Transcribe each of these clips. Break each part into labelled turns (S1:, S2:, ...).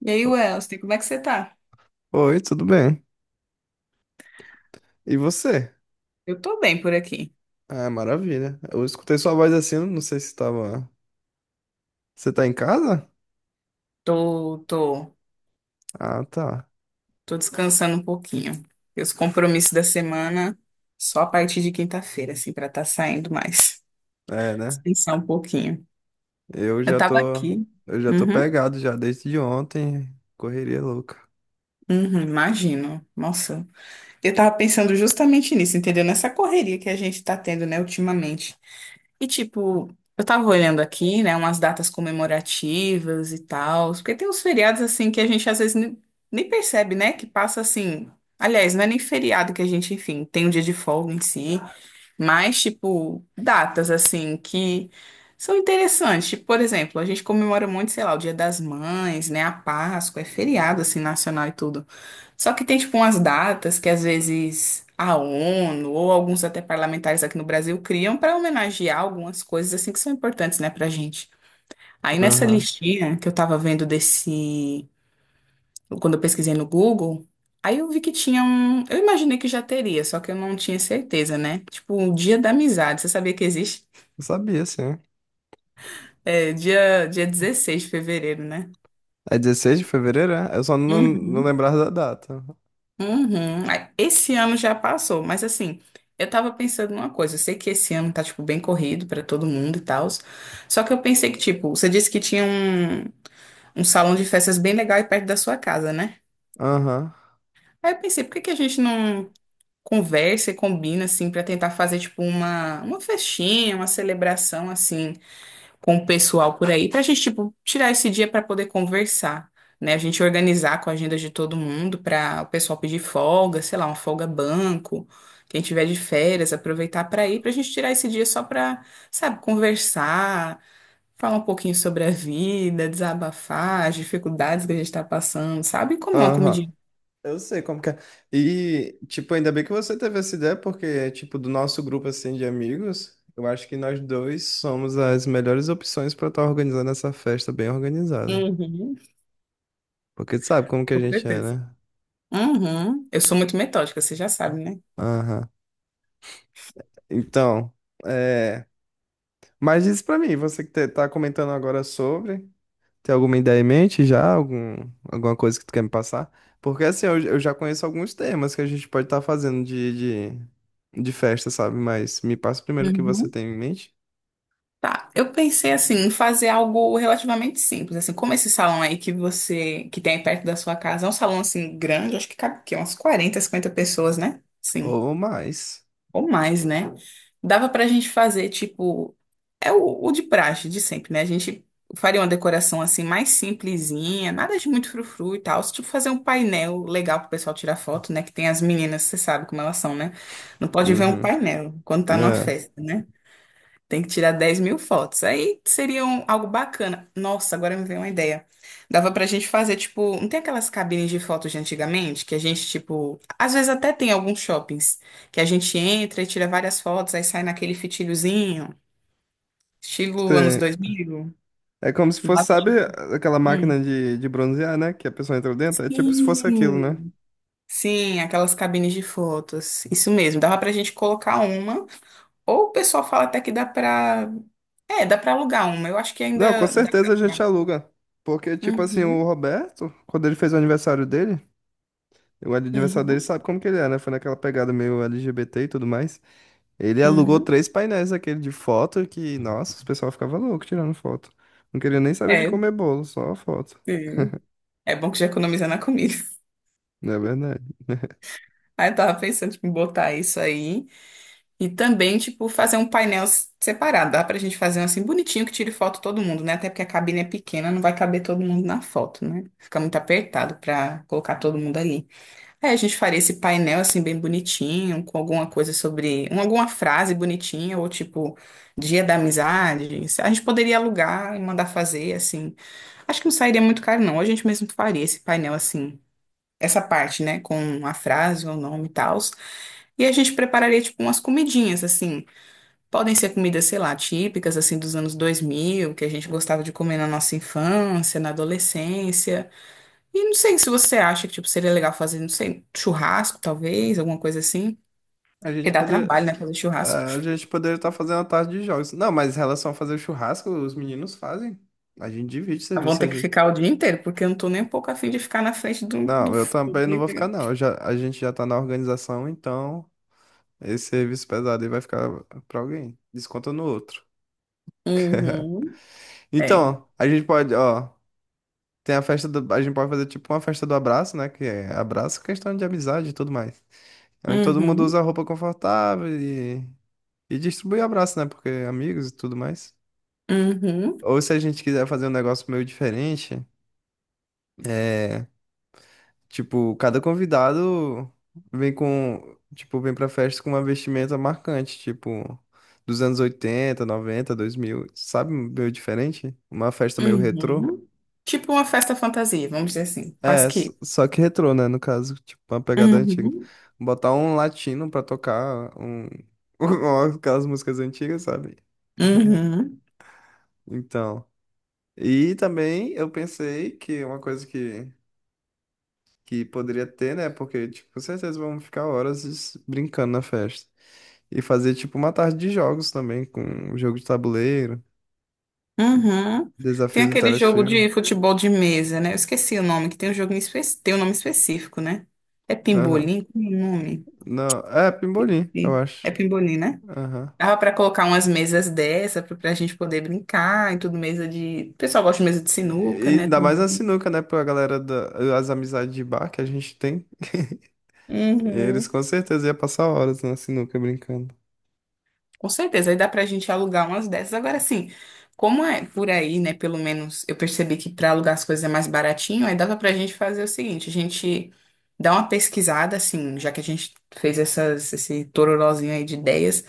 S1: E aí,
S2: O-
S1: Welson, como é que você tá?
S2: Oi, tudo bem? E você?
S1: Eu tô bem por aqui.
S2: Ah, maravilha. Eu escutei sua voz assim, não sei se tava. Você tá em casa?
S1: Tô, tô,
S2: Ah, tá.
S1: tô descansando um pouquinho. E os compromissos da semana só a partir de quinta-feira, assim, pra tá saindo mais.
S2: É, né?
S1: Descansar um pouquinho.
S2: Eu
S1: Eu
S2: já
S1: tava
S2: tô.
S1: aqui.
S2: Eu já tô
S1: Uhum,
S2: pegado já desde ontem. Correria louca.
S1: uhum, imagino. Nossa, eu tava pensando justamente nisso, entendeu? Nessa correria que a gente tá tendo, né, ultimamente. E tipo, eu tava olhando aqui, né, umas datas comemorativas e tal, porque tem uns feriados assim que a gente às vezes nem percebe, né, que passa assim. Aliás, não é nem feriado que a gente, enfim, tem um dia de folga em si. Mas, tipo, datas assim que são interessantes. Tipo, por exemplo, a gente comemora muito, sei lá, o Dia das Mães, né? A Páscoa, é feriado assim nacional e tudo. Só que tem, tipo, umas datas que às vezes a ONU ou alguns até parlamentares aqui no Brasil criam para homenagear algumas coisas assim que são importantes, né, pra gente. Aí nessa
S2: Aham.
S1: listinha que eu tava vendo desse quando eu pesquisei no Google, aí eu vi que tinha um. Eu imaginei que já teria, só que eu não tinha certeza, né? Tipo, um Dia da Amizade. Você sabia que existe?
S2: Eu sabia, sim.
S1: É, dia 16 de fevereiro, né?
S2: É 16 de fevereiro, é? Eu só não
S1: Uhum.
S2: lembrava da data.
S1: Uhum. Aí, esse ano já passou, mas assim, eu tava pensando numa coisa. Eu sei que esse ano tá, tipo, bem corrido pra todo mundo e tal. Só que eu pensei que, tipo, você disse que tinha um salão de festas bem legal aí perto da sua casa, né?
S2: Aham.
S1: Aí eu pensei, por que que a gente não conversa e combina, assim, pra tentar fazer, tipo, uma festinha, uma celebração, assim, com o pessoal por aí, pra gente, tipo, tirar esse dia pra poder conversar, né? A gente organizar com a agenda de todo mundo pra o pessoal pedir folga, sei lá, uma folga banco, quem tiver de férias, aproveitar pra ir, pra gente tirar esse dia só pra, sabe, conversar, falar um pouquinho sobre a vida, desabafar, as dificuldades que a gente tá passando, sabe? E comer uma
S2: Aham.
S1: comidinha.
S2: Eu sei como que é. E, tipo, ainda bem que você teve essa ideia, porque, tipo, do nosso grupo, assim, de amigos, eu acho que nós dois somos as melhores opções pra estar organizando essa festa bem organizada.
S1: Uhum,
S2: Porque tu sabe como que a
S1: com
S2: gente é,
S1: certeza.
S2: né?
S1: Uhum. Eu sou muito metódica, você já sabe, né?
S2: Aham. Então, é... Mas diz pra mim, você tá comentando agora sobre, tem alguma ideia em mente já? Algum, alguma coisa que tu quer me passar? Porque, assim, eu já conheço alguns temas que a gente pode estar fazendo de festa, sabe? Mas me passa primeiro o que você
S1: Uhum.
S2: tem em mente.
S1: Tá, eu pensei assim em fazer algo relativamente simples, assim, como esse salão aí que você que tem aí perto da sua casa, é um salão assim grande, acho que cabe o umas 40 50 pessoas, né? Sim.
S2: Ou mais.
S1: Ou mais, né? Dava pra gente fazer, tipo, é o de praxe, de sempre, né? A gente faria uma decoração assim mais simplesinha, nada de muito frufru e tal. Tipo, fazer um painel legal pro pessoal tirar foto, né? Que tem as meninas, você sabe como elas são, né? Não pode ver um
S2: Uhum.
S1: painel quando tá numa
S2: É.
S1: festa, né? Tem que tirar 10 mil fotos. Aí seria algo bacana. Nossa, agora me veio uma ideia. Dava pra gente fazer, tipo, não tem aquelas cabines de fotos de antigamente que a gente, tipo, às vezes até tem alguns shoppings que a gente entra e tira várias fotos, aí sai naquele fitilhozinho, estilo anos
S2: Cê-
S1: 2000.
S2: É como se fosse,
S1: Lá,
S2: sabe,
S1: tipo,
S2: aquela
S1: hum.
S2: máquina de bronzear, né? Que a pessoa entra dentro. É tipo se fosse aquilo, né?
S1: Sim, sim, aquelas cabines de fotos. Isso mesmo, dava pra gente colocar uma. Ou o pessoal fala até que dá pra. É, dá pra alugar uma. Eu acho que
S2: Não, com
S1: ainda dá pra
S2: certeza a gente
S1: alugar.
S2: aluga. Porque, tipo assim, o
S1: Uhum.
S2: Roberto, quando ele fez o aniversário dele
S1: Uhum,
S2: sabe como que ele é, né? Foi naquela pegada meio LGBT e tudo mais. Ele alugou
S1: uhum.
S2: três painéis daquele de foto que, nossa, o pessoal ficava louco tirando foto. Não queria nem saber de
S1: É,
S2: comer bolo, só foto.
S1: sim. É bom que já economiza na comida.
S2: Não é verdade.
S1: Aí eu tava pensando, tipo, em botar isso aí. E também, tipo, fazer um painel separado. Dá pra gente fazer um assim bonitinho que tire foto todo mundo, né? Até porque a cabine é pequena, não vai caber todo mundo na foto, né? Fica muito apertado pra colocar todo mundo ali. Aí a gente faria esse painel assim bem bonitinho, com alguma coisa sobre, alguma frase bonitinha, ou tipo, Dia da Amizade. A gente poderia alugar e mandar fazer, assim. Acho que não sairia muito caro, não. A gente mesmo faria esse painel assim, essa parte, né, com a frase, o nome e tal. E a gente prepararia, tipo, umas comidinhas, assim. Podem ser comidas, sei lá, típicas, assim, dos anos 2000 que a gente gostava de comer na nossa infância, na adolescência. E não sei se você acha que, tipo, seria legal fazer, não sei, churrasco, talvez, alguma coisa assim.
S2: A
S1: Porque
S2: gente
S1: dá
S2: pode,
S1: trabalho, né, fazer
S2: é,
S1: churrasco.
S2: a gente poderia estar fazendo a tarde de jogos. Não, mas em relação a fazer churrasco, os meninos fazem. A gente divide
S1: Ah, vão
S2: serviço. a
S1: ter que
S2: gente-
S1: ficar o dia inteiro, porque eu não tô nem um pouco afim de ficar na frente do
S2: Não, eu
S1: fogo,
S2: também não
S1: né?
S2: vou ficar, não. A gente já tá na organização, então esse serviço pesado aí vai ficar pra alguém. Desconta no outro.
S1: Uhum. É.
S2: Então, a gente pode, ó, tem a festa do, a gente pode fazer tipo uma festa do abraço, né? Que é abraço, questão de amizade e tudo mais. É, onde todo mundo
S1: Uhum.
S2: usa roupa confortável e distribui abraço, né? Porque é amigos e tudo mais.
S1: Uhum,
S2: Ou se a gente quiser fazer um negócio meio diferente. É, tipo, cada convidado vem com, tipo, vem pra festa com uma vestimenta marcante, tipo, dos anos oitenta, noventa, dois mil sabe, meio diferente? Uma festa meio retrô.
S1: uhum. Tipo uma festa fantasia, vamos dizer assim,
S2: É,
S1: quase que.
S2: só que retrô, né, no caso, tipo, uma pegada antiga.
S1: Uhum,
S2: Botar um latino pra tocar um, aquelas músicas antigas, sabe?
S1: uhum,
S2: Então, e também eu pensei que uma coisa que poderia ter, né, porque, tipo, com certeza vamos ficar horas brincando na festa. E fazer tipo uma tarde de jogos também, com jogo de tabuleiro,
S1: uhum. Tem
S2: desafios
S1: aquele jogo
S2: interativos.
S1: de futebol de mesa, né? Eu esqueci o nome, que tem um jogo tem um nome específico, né? É
S2: Aham.
S1: pimbolim? Qual é o nome?
S2: Não, é pimbolim, eu
S1: Sim, é
S2: acho.
S1: pimbolim, né?
S2: Aham.
S1: Dava para colocar umas mesas dessa pra gente poder brincar e tudo, mesa de. O pessoal gosta de mesa de sinuca,
S2: E e
S1: né?
S2: ainda mais a
S1: Também.
S2: sinuca, né? Pra galera da, as amizades de bar que a gente tem. Eles
S1: Uhum.
S2: com certeza iam passar horas na sinuca brincando.
S1: Com certeza, aí dá pra gente alugar umas dessas. Agora sim, como é por aí, né? Pelo menos eu percebi que pra alugar as coisas é mais baratinho, aí dava pra gente fazer o seguinte, a gente dá uma pesquisada, assim, já que a gente fez essas, esse tororozinho aí de ideias,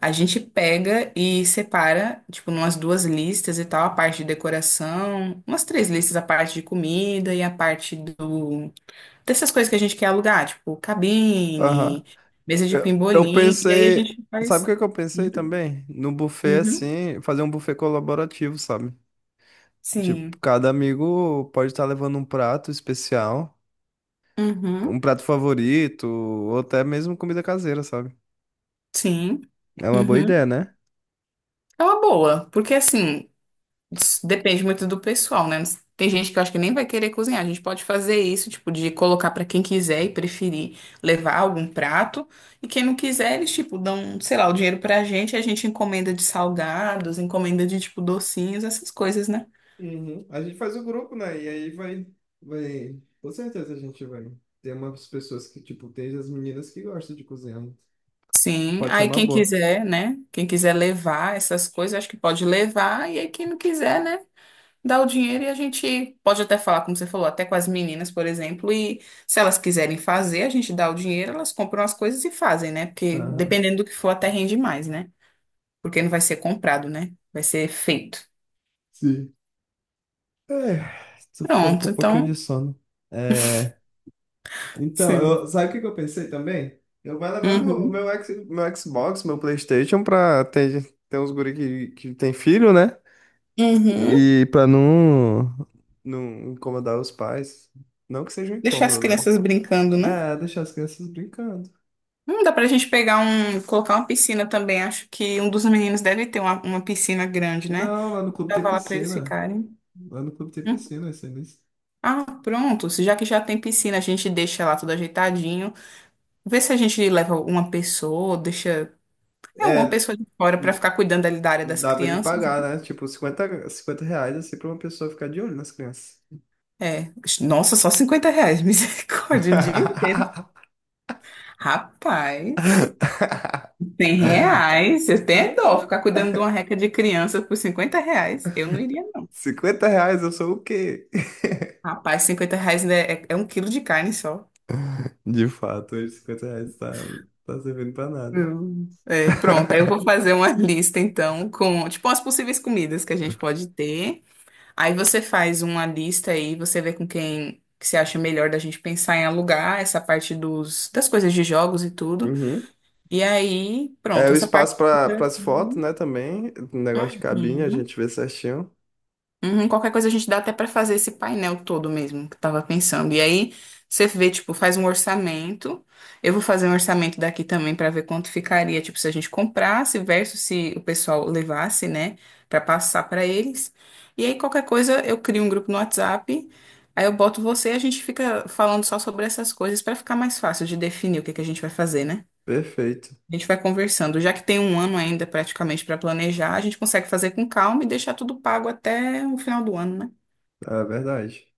S1: a gente pega e separa, tipo, umas duas listas e tal, a parte de decoração, umas três listas, a parte de comida e a parte do dessas coisas que a gente quer alugar, tipo,
S2: Aham.
S1: cabine, mesa de
S2: Eu
S1: pimbolim, e aí a
S2: pensei.
S1: gente
S2: Sabe o
S1: faz.
S2: que que eu pensei também? No buffet,
S1: Uhum.
S2: assim, fazer um buffet colaborativo, sabe? Tipo,
S1: Sim.
S2: cada amigo pode estar levando um prato especial. Um
S1: Uhum.
S2: prato favorito, ou até mesmo comida caseira, sabe?
S1: Sim.
S2: É uma boa ideia,
S1: Uhum.
S2: né?
S1: É uma boa, porque assim, depende muito do pessoal, né? Tem gente que eu acho que nem vai querer cozinhar. A gente pode fazer isso, tipo, de colocar pra quem quiser e preferir levar algum prato. E quem não quiser, eles, tipo, dão, sei lá, o dinheiro pra gente, a gente encomenda de salgados, encomenda de, tipo, docinhos, essas coisas, né?
S2: Uhum. A gente faz o grupo, né? E aí vai, vai. Com certeza a gente vai ter umas pessoas que, tipo, tem as meninas que gostam de cozinhar. Né?
S1: Sim.
S2: Pode ser
S1: Aí
S2: uma
S1: quem
S2: boa.
S1: quiser, né? Quem quiser levar essas coisas, acho que pode levar. E aí quem não quiser, né? Dá o dinheiro e a gente pode até falar, como você falou, até com as meninas, por exemplo, e se elas quiserem fazer, a gente dá o dinheiro, elas compram as coisas e fazem, né? Porque
S2: Aham.
S1: dependendo do que for, até rende mais, né? Porque não vai ser comprado, né? Vai ser feito.
S2: Sim. É, tô ficando com
S1: Pronto,
S2: um pouquinho de
S1: então,
S2: sono. É, então,
S1: sim.
S2: eu, sabe o que que eu pensei também? Eu vou levar
S1: Uhum.
S2: meu Xbox, meu PlayStation pra ter uns guri que tem filho, né?
S1: Uhum.
S2: E pra não incomodar os pais. Não que seja um
S1: Deixar as
S2: incômodo, né?
S1: crianças brincando, né?
S2: É, deixar as crianças brincando.
S1: Dá pra gente pegar um, colocar uma piscina também. Acho que um dos meninos deve ter uma piscina grande, né?
S2: Não, lá no clube
S1: Pra
S2: tem
S1: lá pra eles
S2: piscina.
S1: ficarem.
S2: Lá no clube tem
S1: Hum.
S2: piscina, isso.
S1: Ah, pronto. Se Já que já tem piscina, a gente deixa lá tudo ajeitadinho. Vê se a gente leva uma pessoa, deixa. É,
S2: É,
S1: uma pessoa de fora para
S2: d-
S1: ficar cuidando ali da área das
S2: dava de
S1: crianças,
S2: pagar,
S1: né?
S2: né? Tipo, 50 reais assim pra uma pessoa ficar de olho nas crianças.
S1: É. Nossa, só R$ 50, misericórdia, o dia inteiro. Rapaz, R$ 100. Eu tenho dó ficar cuidando de uma reca de criança por R$ 50. Eu não iria, não.
S2: 50 reais, eu sou o quê?
S1: Rapaz, R$ 50 ainda é um quilo de carne só.
S2: De fato, hoje 50 reais tá servindo pra nada.
S1: Hum. É, pronto, aí eu vou fazer uma lista então com, tipo, as possíveis comidas que a gente pode ter. Aí você faz uma lista aí, você vê com quem que se acha melhor da gente pensar em alugar essa parte dos, das coisas de jogos e tudo.
S2: Uhum.
S1: E aí,
S2: É
S1: pronto,
S2: o
S1: essa parte.
S2: espaço para as fotos, né? Também, o negócio de cabine, a
S1: Uhum.
S2: gente vê certinho.
S1: Uhum, qualquer coisa a gente dá até pra fazer esse painel todo mesmo, que eu tava pensando. E aí você vê, tipo, faz um orçamento. Eu vou fazer um orçamento daqui também pra ver quanto ficaria, tipo, se a gente comprasse versus se o pessoal levasse, né, pra passar pra eles. E aí qualquer coisa eu crio um grupo no WhatsApp. Aí eu boto você e a gente fica falando só sobre essas coisas pra ficar mais fácil de definir o que que a gente vai fazer, né?
S2: Perfeito,
S1: A gente vai conversando. Já que tem um ano ainda praticamente pra planejar, a gente consegue fazer com calma e deixar tudo pago até o final do ano, né?
S2: é verdade.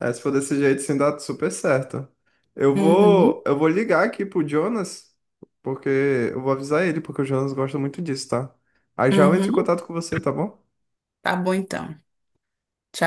S2: É, se for desse jeito, sim, dá super certo.
S1: Uhum,
S2: Eu vou ligar aqui pro Jonas, porque eu vou avisar ele, porque o Jonas gosta muito disso, tá? Aí já eu entro em
S1: uhum.
S2: contato com você, tá bom?
S1: Tá bom então. Tchau.